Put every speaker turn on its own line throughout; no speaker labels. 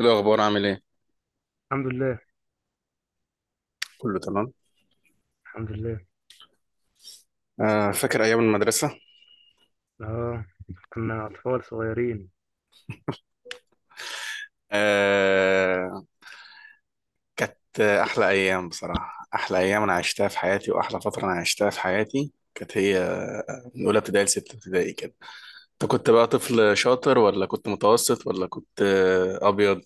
إيه الأخبار؟ عامل إيه؟
الحمد لله.
كله تمام.
الحمد لله.
فاكر أيام المدرسة.
اه، كنا اطفال صغيرين.
آه كانت أحلى أيام بصراحة. أحلى أيام أنا عشتها في حياتي وأحلى فترة أنا عشتها في حياتي كانت هي، من أولى ابتدائي لستة ابتدائي كده. أنت كنت بقى طفل شاطر ولا كنت متوسط ولا كنت أبيض؟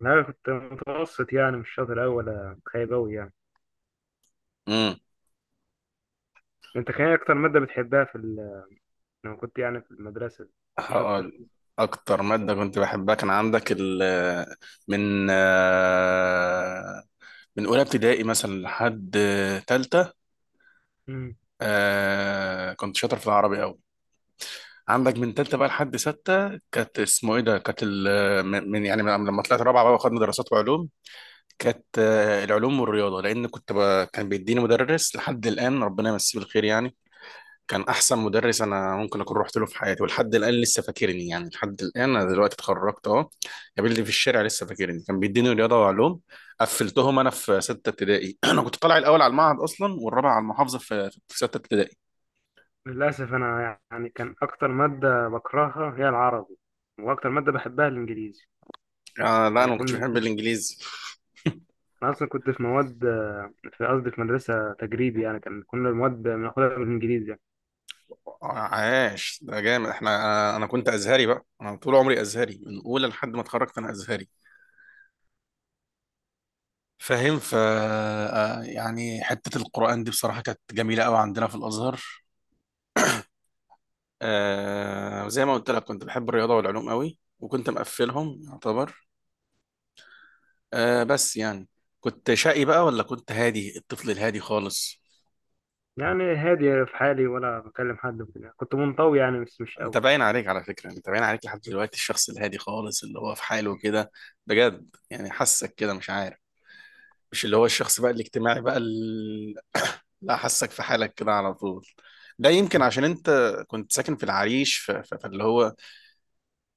لا، كنت متوسط، يعني مش شاطر أوي ولا خايب أوي يعني.
امم
انت كان إيه اكتر ماده بتحبها لما كنت يعني في المدرسه كنت شاطر
هقول،
فيها.
أكتر مادة كنت بحبها كان عندك ال، من آه من أولى ابتدائي مثلا لحد تالتة.
مم.
كنت شاطر في العربي أوي. عندك من تالتة بقى لحد ستة، كانت اسمه ايه ده، كانت يعني من لما طلعت رابعة بقى واخدنا دراسات وعلوم، كانت العلوم والرياضة، لأن كان بيديني مدرس لحد الآن ربنا يمسيه بالخير يعني. كان أحسن مدرس أنا ممكن أكون رحت له في حياتي، ولحد الآن لسه فاكرني، يعني لحد الآن أنا دلوقتي اتخرجت أهو، قابلني في الشارع لسه فاكرني. كان بيديني رياضة وعلوم، قفلتهم أنا في ستة ابتدائي. أنا كنت طالع الأول على المعهد أصلا والرابع على المحافظة في ستة ابتدائي.
للاسف انا يعني كان اكتر ماده بكرهها هي العربي، واكتر ماده بحبها الانجليزي.
آه لا أنا
يعني
ما كنتش
كنت
بحب الإنجليزي.
انا اصلا كنت في قصدي في مدرسه تجريبي، يعني كنا المواد بناخدها بالانجليزي يعني.
عاش، ده جامد. احنا انا أنا كنت ازهري بقى، انا طول عمري ازهري، من اولى لحد ما اتخرجت انا ازهري، فاهم. ف آه، يعني حته القران دي بصراحه كانت جميله قوي عندنا في الازهر. آه زي ما قلت لك كنت بحب الرياضه والعلوم قوي وكنت مقفلهم يعتبر. آه بس يعني كنت شقي بقى ولا كنت هادي، الطفل الهادي خالص؟
يعني هادي في حالي، ولا بكلم حد وكده، كنت منطوي يعني بس مش
انت باين عليك، على فكره انت باين عليك لحد
قوي.
دلوقتي الشخص الهادي خالص اللي هو في حاله كده، بجد يعني، حاسك كده مش عارف، مش اللي هو الشخص بقى الاجتماعي بقى اللي، حاسك في حالك كده على طول. ده يمكن عشان انت كنت ساكن في العريش، فاللي هو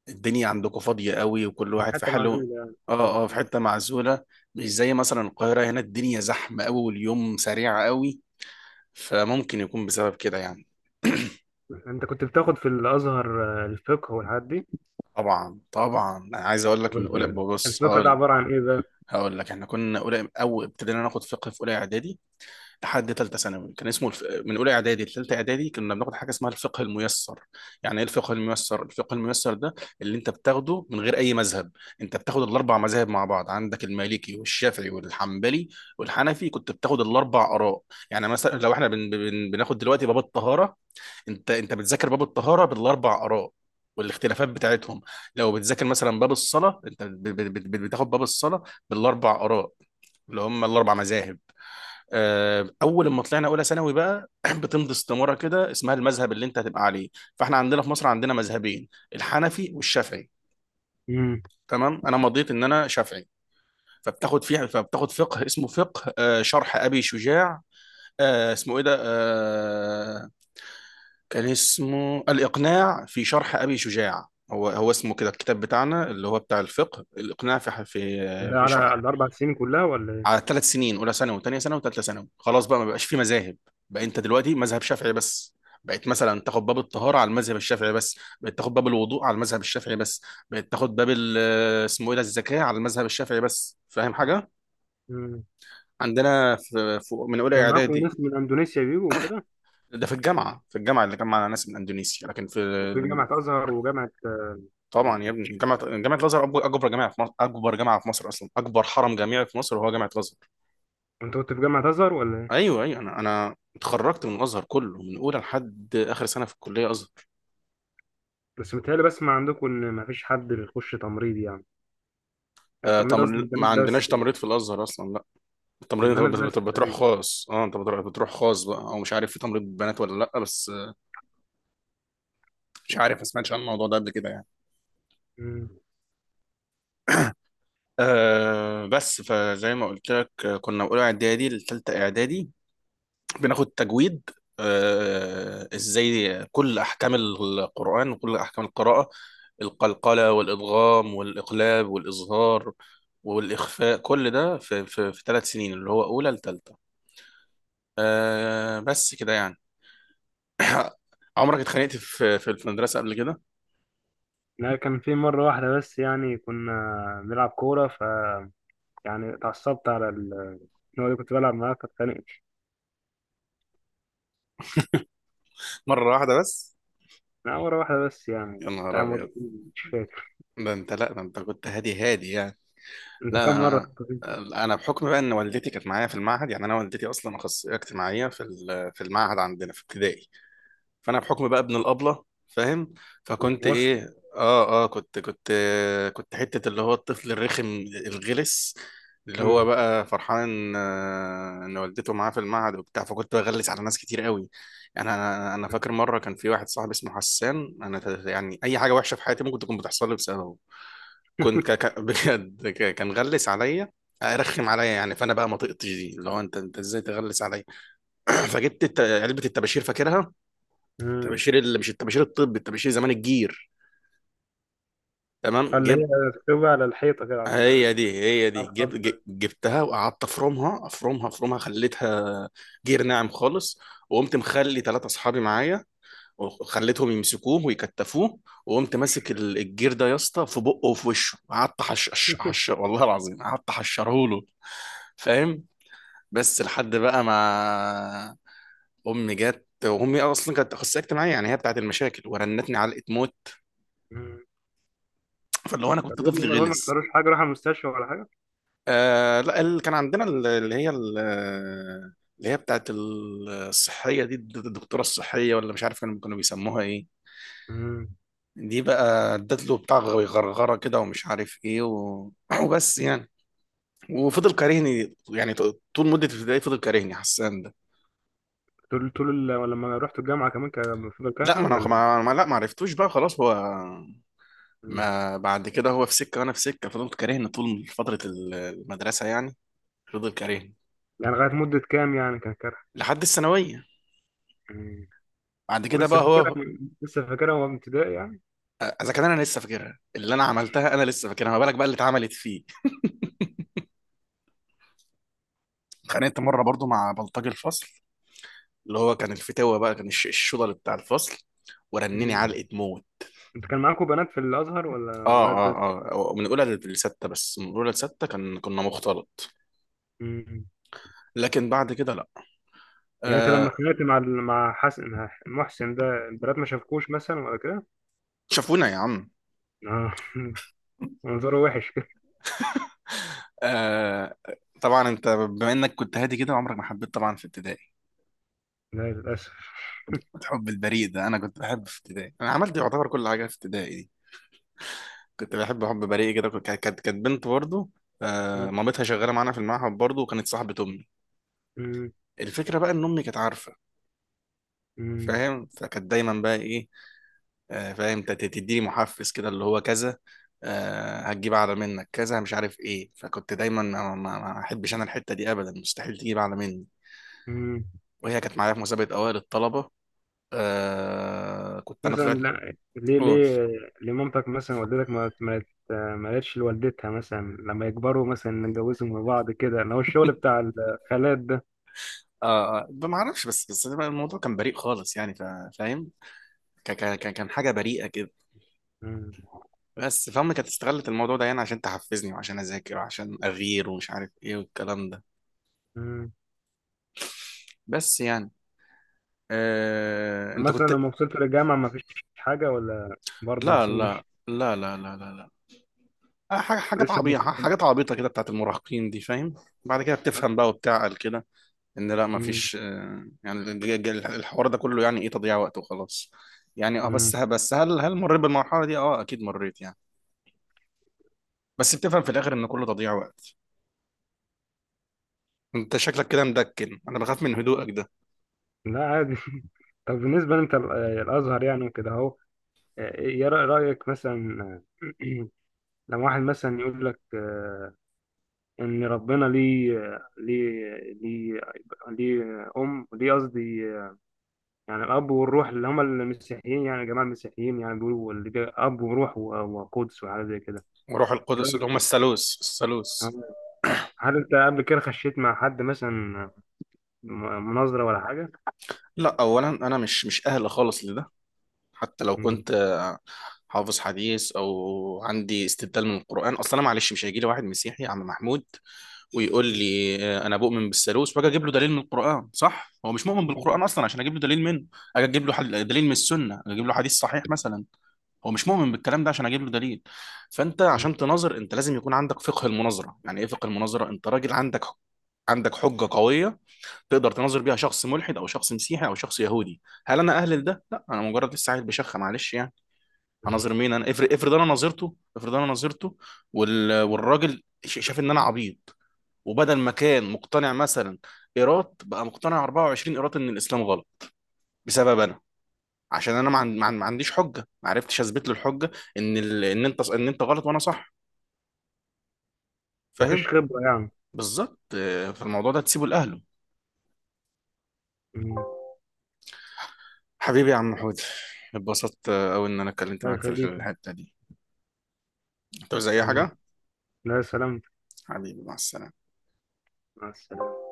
الدنيا عندكم فاضية قوي وكل
مش
واحد في
حتى
حاله.
معزولة يعني.
اه
طبعا.
اه في حتة معزولة، مش زي مثلا القاهرة هنا الدنيا زحمة قوي واليوم سريع قوي، فممكن يكون بسبب كده يعني.
انت كنت بتاخد في الازهر الفقه والحاجات دي؟
طبعا طبعا، انا عايز اقول لك،
طب
من اولى
الفقه
ببص،
الفقه ده عباره عن ايه بقى؟
هقول لك، احنا كنا اولى، اول ابتدينا ناخد فقه في اولى اعدادي لحد ثالثه ثانوي، كان من اولى اعدادي لثالثه اعدادي كنا بناخد حاجه اسمها الفقه الميسر. يعني ايه الفقه الميسر؟ الفقه الميسر ده اللي انت بتاخده من غير اي مذهب، انت بتاخد الاربع مذاهب مع بعض، عندك المالكي والشافعي والحنبلي والحنفي، كنت بتاخد الاربع اراء. يعني مثلا لو احنا بناخد دلوقتي باب الطهاره، انت بتذاكر باب الطهاره بالاربع اراء والاختلافات بتاعتهم. لو بتذاكر مثلا باب الصلاه، انت بت- بت- بت- بتاخد باب الصلاه بالاربع اراء اللي هم الاربع مذاهب. آه، اول ما طلعنا اولى ثانوي بقى بتمضي استماره كده اسمها المذهب اللي انت هتبقى عليه. فاحنا عندنا في مصر عندنا مذهبين، الحنفي والشافعي.
امم.
تمام، انا مضيت ان انا شافعي. فبتاخد فقه اسمه فقه شرح ابي شجاع. آه، اسمه ايه ده آه، كان اسمه الإقناع في شرح أبي شجاع. هو اسمه كده الكتاب بتاعنا اللي هو بتاع الفقه، الإقناع
ده
في
على
شرح.
على الاربع سنين كلها ولا ايه؟
على ثلاث سنين، اولى ثانوي وثانيه ثانوي وثالثه ثانوي. خلاص بقى ما بقاش في مذاهب، بقى انت دلوقتي مذهب شافعي بس. بقيت مثلا تاخد باب الطهاره على المذهب الشافعي بس، بقيت تاخد باب الوضوء على المذهب الشافعي بس، بقيت تاخد باب ال- اسمه ايه ده الزكاه على المذهب الشافعي بس. فاهم حاجه؟
امم.
عندنا من اولى
كان معاكم
اعدادي.
ناس من اندونيسيا بيجوا وكده؟
ده في الجامعه، في الجامعه اللي جمع ناس من اندونيسيا، لكن في.
وفي جامعه ازهر وجامعه.
طبعا يا ابني جامعه، الازهر اكبر، أكبر جامعه في مصر، اكبر جامعه في مصر اصلا، اكبر حرم جامعي في مصر هو جامعه الازهر.
انت كنت في جامعه ازهر ولا ايه؟
ايوه ايوه، انا اتخرجت من الازهر كله، من اولى لحد اخر سنه في الكليه ازهر.
بس متهيألي بسمع عندكم ان مفيش حد بيخش تمريض يعني. يعني قصدي
ما
البنات
عندناش
بس.
تمريض في الازهر اصلا، لا. التمريض
البنات
انت
بس
بتروح
تقريبا.
خاص، اه انت بتروح خاص بقى، او مش عارف في تمريض بنات ولا لا بس مش عارف، ما سمعتش عن الموضوع ده قبل كده يعني.
امم.
آه بس، فزي ما قلت لك كنا من اولى اعدادي لثالثه اعدادي بناخد تجويد. آه، ازاي، كل احكام القرآن وكل احكام القراءة، القلقلة والادغام والاقلاب والاظهار والاخفاء، كل ده في ثلاث سنين اللي هو اولى لثالثة. آه بس كده يعني. عمرك اتخانقت في المدرسة قبل كده؟
لا، كان في مره واحده بس، يعني كنا بنلعب كوره ف، يعني اتعصبت على ال... النوع اللي كنت بلعب معاه، فاتخانقت.
مرة واحدة بس؟
لا، مرة واحدة بس يعني
يا نهار
بتاع مرة.
ابيض،
مش فاكر.
ده انت، لا ده انت كنت هادي هادي يعني.
انت
لا
كم مرة
انا،
كنت؟
بحكم بقى ان والدتي كانت معايا في المعهد، يعني انا والدتي اصلا اخصائيه اجتماعيه في المعهد عندنا في ابتدائي. فانا بحكم بقى ابن الابله، فاهم. فكنت
وسط.
ايه، اه اه كنت حته اللي هو الطفل الرخم الغلس، اللي هو
مم.
بقى فرحان ان والدته معاه في المعهد وبتاع، فكنت بغلس على ناس كتير قوي. يعني انا فاكر مره كان في واحد صاحبي اسمه حسان، يعني اي حاجه وحشه في حياتي ممكن تكون بتحصل لي بسببه. كنت بجد كان غلس عليا، ارخم عليا يعني، فانا بقى ما طقتش دي، اللي هو انت ازاي تغلس عليا. فجبت علبه الطباشير، فاكرها،
مم.
الطباشير اللي مش الطباشير الطبي، الطباشير زمان الجير، تمام،
اللي
جيب،
هي تكتبها على الحيطة كده على
هي
ال-
دي، هي دي.
على
جيب،
الخضر.
جبتها وقعدت افرمها افرمها افرمها، خليتها جير ناعم خالص. وقمت مخلي ثلاثة اصحابي معايا وخليتهم يمسكوه ويكتفوه، وقمت ماسك الجير ده يا اسطى في بقه وفي وشه، قعدت حش حش حش، والله العظيم قعدت حشره له. فاهم. بس لحد بقى ما امي جت، وامي اصلا كانت اخصائيه اجتماعيه يعني هي بتاعت المشاكل، ورنتني علقه موت. فلو انا كنت
فالواد،
طفل
ما هو ما
غلس.
حصلوش حاجة، راح المستشفى ولا حاجة؟
آه لا كان عندنا اللي هي بتاعت الصحيه دي، الدكتوره الصحيه، ولا مش عارف كانوا، كانوا بيسموها ايه.
مم.
دي بقى ادت له بتاع غرغره كده ومش عارف ايه وبس يعني. وفضل كارهني يعني طول مده الابتدائي فضل كارهني حسان ده.
لما رحت الجامعة كمان كان المفروض
لا
كارهة
ما انا
ولا؟
لا ما عرفتوش بقى خلاص هو.
مم.
ما بعد كده هو في سكه وانا في سكه، فضلت كارهني طول فتره المدرسه يعني، فضل كارهني
يعني لغاية مدة كام يعني كان كارهة؟
لحد الثانويه.
مم.
بعد كده
ولسه
بقى
فاكرها
هو.
من- لسه فاكرها وهو ابتدائي يعني.
اذا كان انا لسه فاكرها اللي انا عملتها، انا لسه فاكرها، ما بالك بقى اللي اتعملت فيه. اتخانقت مره برضو مع بلطجي الفصل، اللي هو كان الفتاوه بقى، كان الشغل بتاع الفصل، ورنني
مم.
علقه موت.
انت كان معاكم بنات في الأزهر ولا
اه
ولاد؟
اه اه، من اولى لسته بس، من اولى لسته كان كنا مختلط،
مم.
لكن بعد كده لا.
يعني انت لما
آه.
اتخانقت مع حسن محسن ده البنات ما شافكوش مثلا ولا كده؟
شافونا يا عم.
اه. منظره وحش كده.
آه. طبعا انت بما انك كنت هادي كده عمرك ما حبيت. طبعا في ابتدائي
لا للاسف.
الحب البريء ده، انا كنت بحب في ابتدائي، انا عملت يعتبر كل حاجه في ابتدائي دي. كنت بحب حب بريء كده. كانت بنت برضه، آه
مم.
مامتها شغاله معانا في المعهد برضه وكانت صاحبه امي.
مم.
الفكره بقى ان امي كانت عارفه،
مم.
فاهم. فكانت دايما بقى ايه، آه فاهم تديني محفز كده اللي هو كذا، آه هتجيب اعلى منك كذا مش عارف ايه، فكنت دايما ما احبش انا الحته دي ابدا، مستحيل تجيب اعلى مني.
مم.
وهي كانت معايا في مسابقه اوائل الطلبه. آه كنت انا
مثلا،
طلعت.
لا، ليه
قول.
ليه ليه مامتك مثلا والدتك ما قالتش لوالدتها مثلا لما يكبروا مثلا نتجوزهم من بعض كده، اللي هو الشغل بتاع الخالات ده.
اه ما اعرفش، بس بس الموضوع كان بريء خالص يعني، فا- فاهم. كان كان كان حاجه بريئه كده.
مم.
بس فامي كانت استغلت الموضوع ده يعني عشان تحفزني وعشان اذاكر وعشان اغير ومش عارف ايه والكلام ده.
مم.
بس يعني. انت
مثلا
كنت.
لما وصلت للجامعة ما فيش حاجة ولا، برضه
لا
سني.
لا لا لا لا لا لا حاجات
لسه ما
عبيطة،
كنت-.
حاجات عبيطة كده بتاعت المراهقين دي، فاهم. بعد كده بتفهم بقى وبتعقل كده، ان لا مفيش. يعني الحوار ده كله يعني ايه، تضييع وقت وخلاص. يعني اه
مم.
بس، هل مريت بالمرحلة دي؟ اه اكيد مريت يعني، بس بتفهم في الاخر ان كله تضييع وقت. انت شكلك كده مدكن، انا بخاف من هدوءك.
لا عادي. طب بالنسبة انت الأزهر يعني وكده اهو، ايه رأيك مثلا لما واحد مثلا يقول لك ان ربنا ليه ليه ليه قصدي، يعني الاب والروح اللي هم المسيحيين يعني جماعة المسيحيين، يعني بيقولوا اللي ده اب وروح وقدس وحاجات زي كده.
وروح
ايه
القدس،
رأيك
اللي هم
إيه؟
الثالوث، الثالوث.
آه، هل انت قبل كده خشيت مع حد مثلا مناظرة ولا حاجة؟
لا اولا، انا مش اهل خالص لده. حتى لو
مم.
كنت حافظ حديث او عندي استدلال من القران، اصلا انا معلش، مش هيجي لي واحد مسيحي يا عم محمود ويقول
مم.
لي انا بؤمن بالثالوث واجي اجيب له دليل من القران، صح؟ هو مش مؤمن
مم.
بالقران اصلا عشان اجيب له دليل منه. اجي اجيب له دليل من السنه، اجي اجيب له حديث صحيح مثلا، هو مش مؤمن بالكلام ده عشان اجيب له دليل. فانت عشان تناظر انت لازم يكون عندك فقه المناظره. يعني ايه فقه المناظره؟ انت راجل عندك حجه قويه تقدر تناظر بيها شخص ملحد او شخص مسيحي او شخص يهودي. هل انا اهل لده؟ لا، انا مجرد لسه عيل بشخه معلش يعني. هناظر
مم.
مين؟ انا افرض، انا ناظرته، والراجل شاف ان انا عبيط، وبدل ما كان مقتنع مثلا ايراد، بقى مقتنع 24 ايراد ان الاسلام غلط بسبب انا، عشان انا ما عنديش حجه، ما عرفتش اثبت له الحجه ان انت، ان انت غلط وانا صح،
مفيش
فاهم.
خبرة.
بالظبط. فالموضوع ده تسيبه لاهله.
يعني.
حبيبي يا عم حود، اتبسطت قوي ان انا اتكلمت
الله
معاك في
يخليكم.
الحته دي. انت زي
آمين.
حاجة.
لا سلامتك.
حبيبي، مع السلامة.
مع السلامة.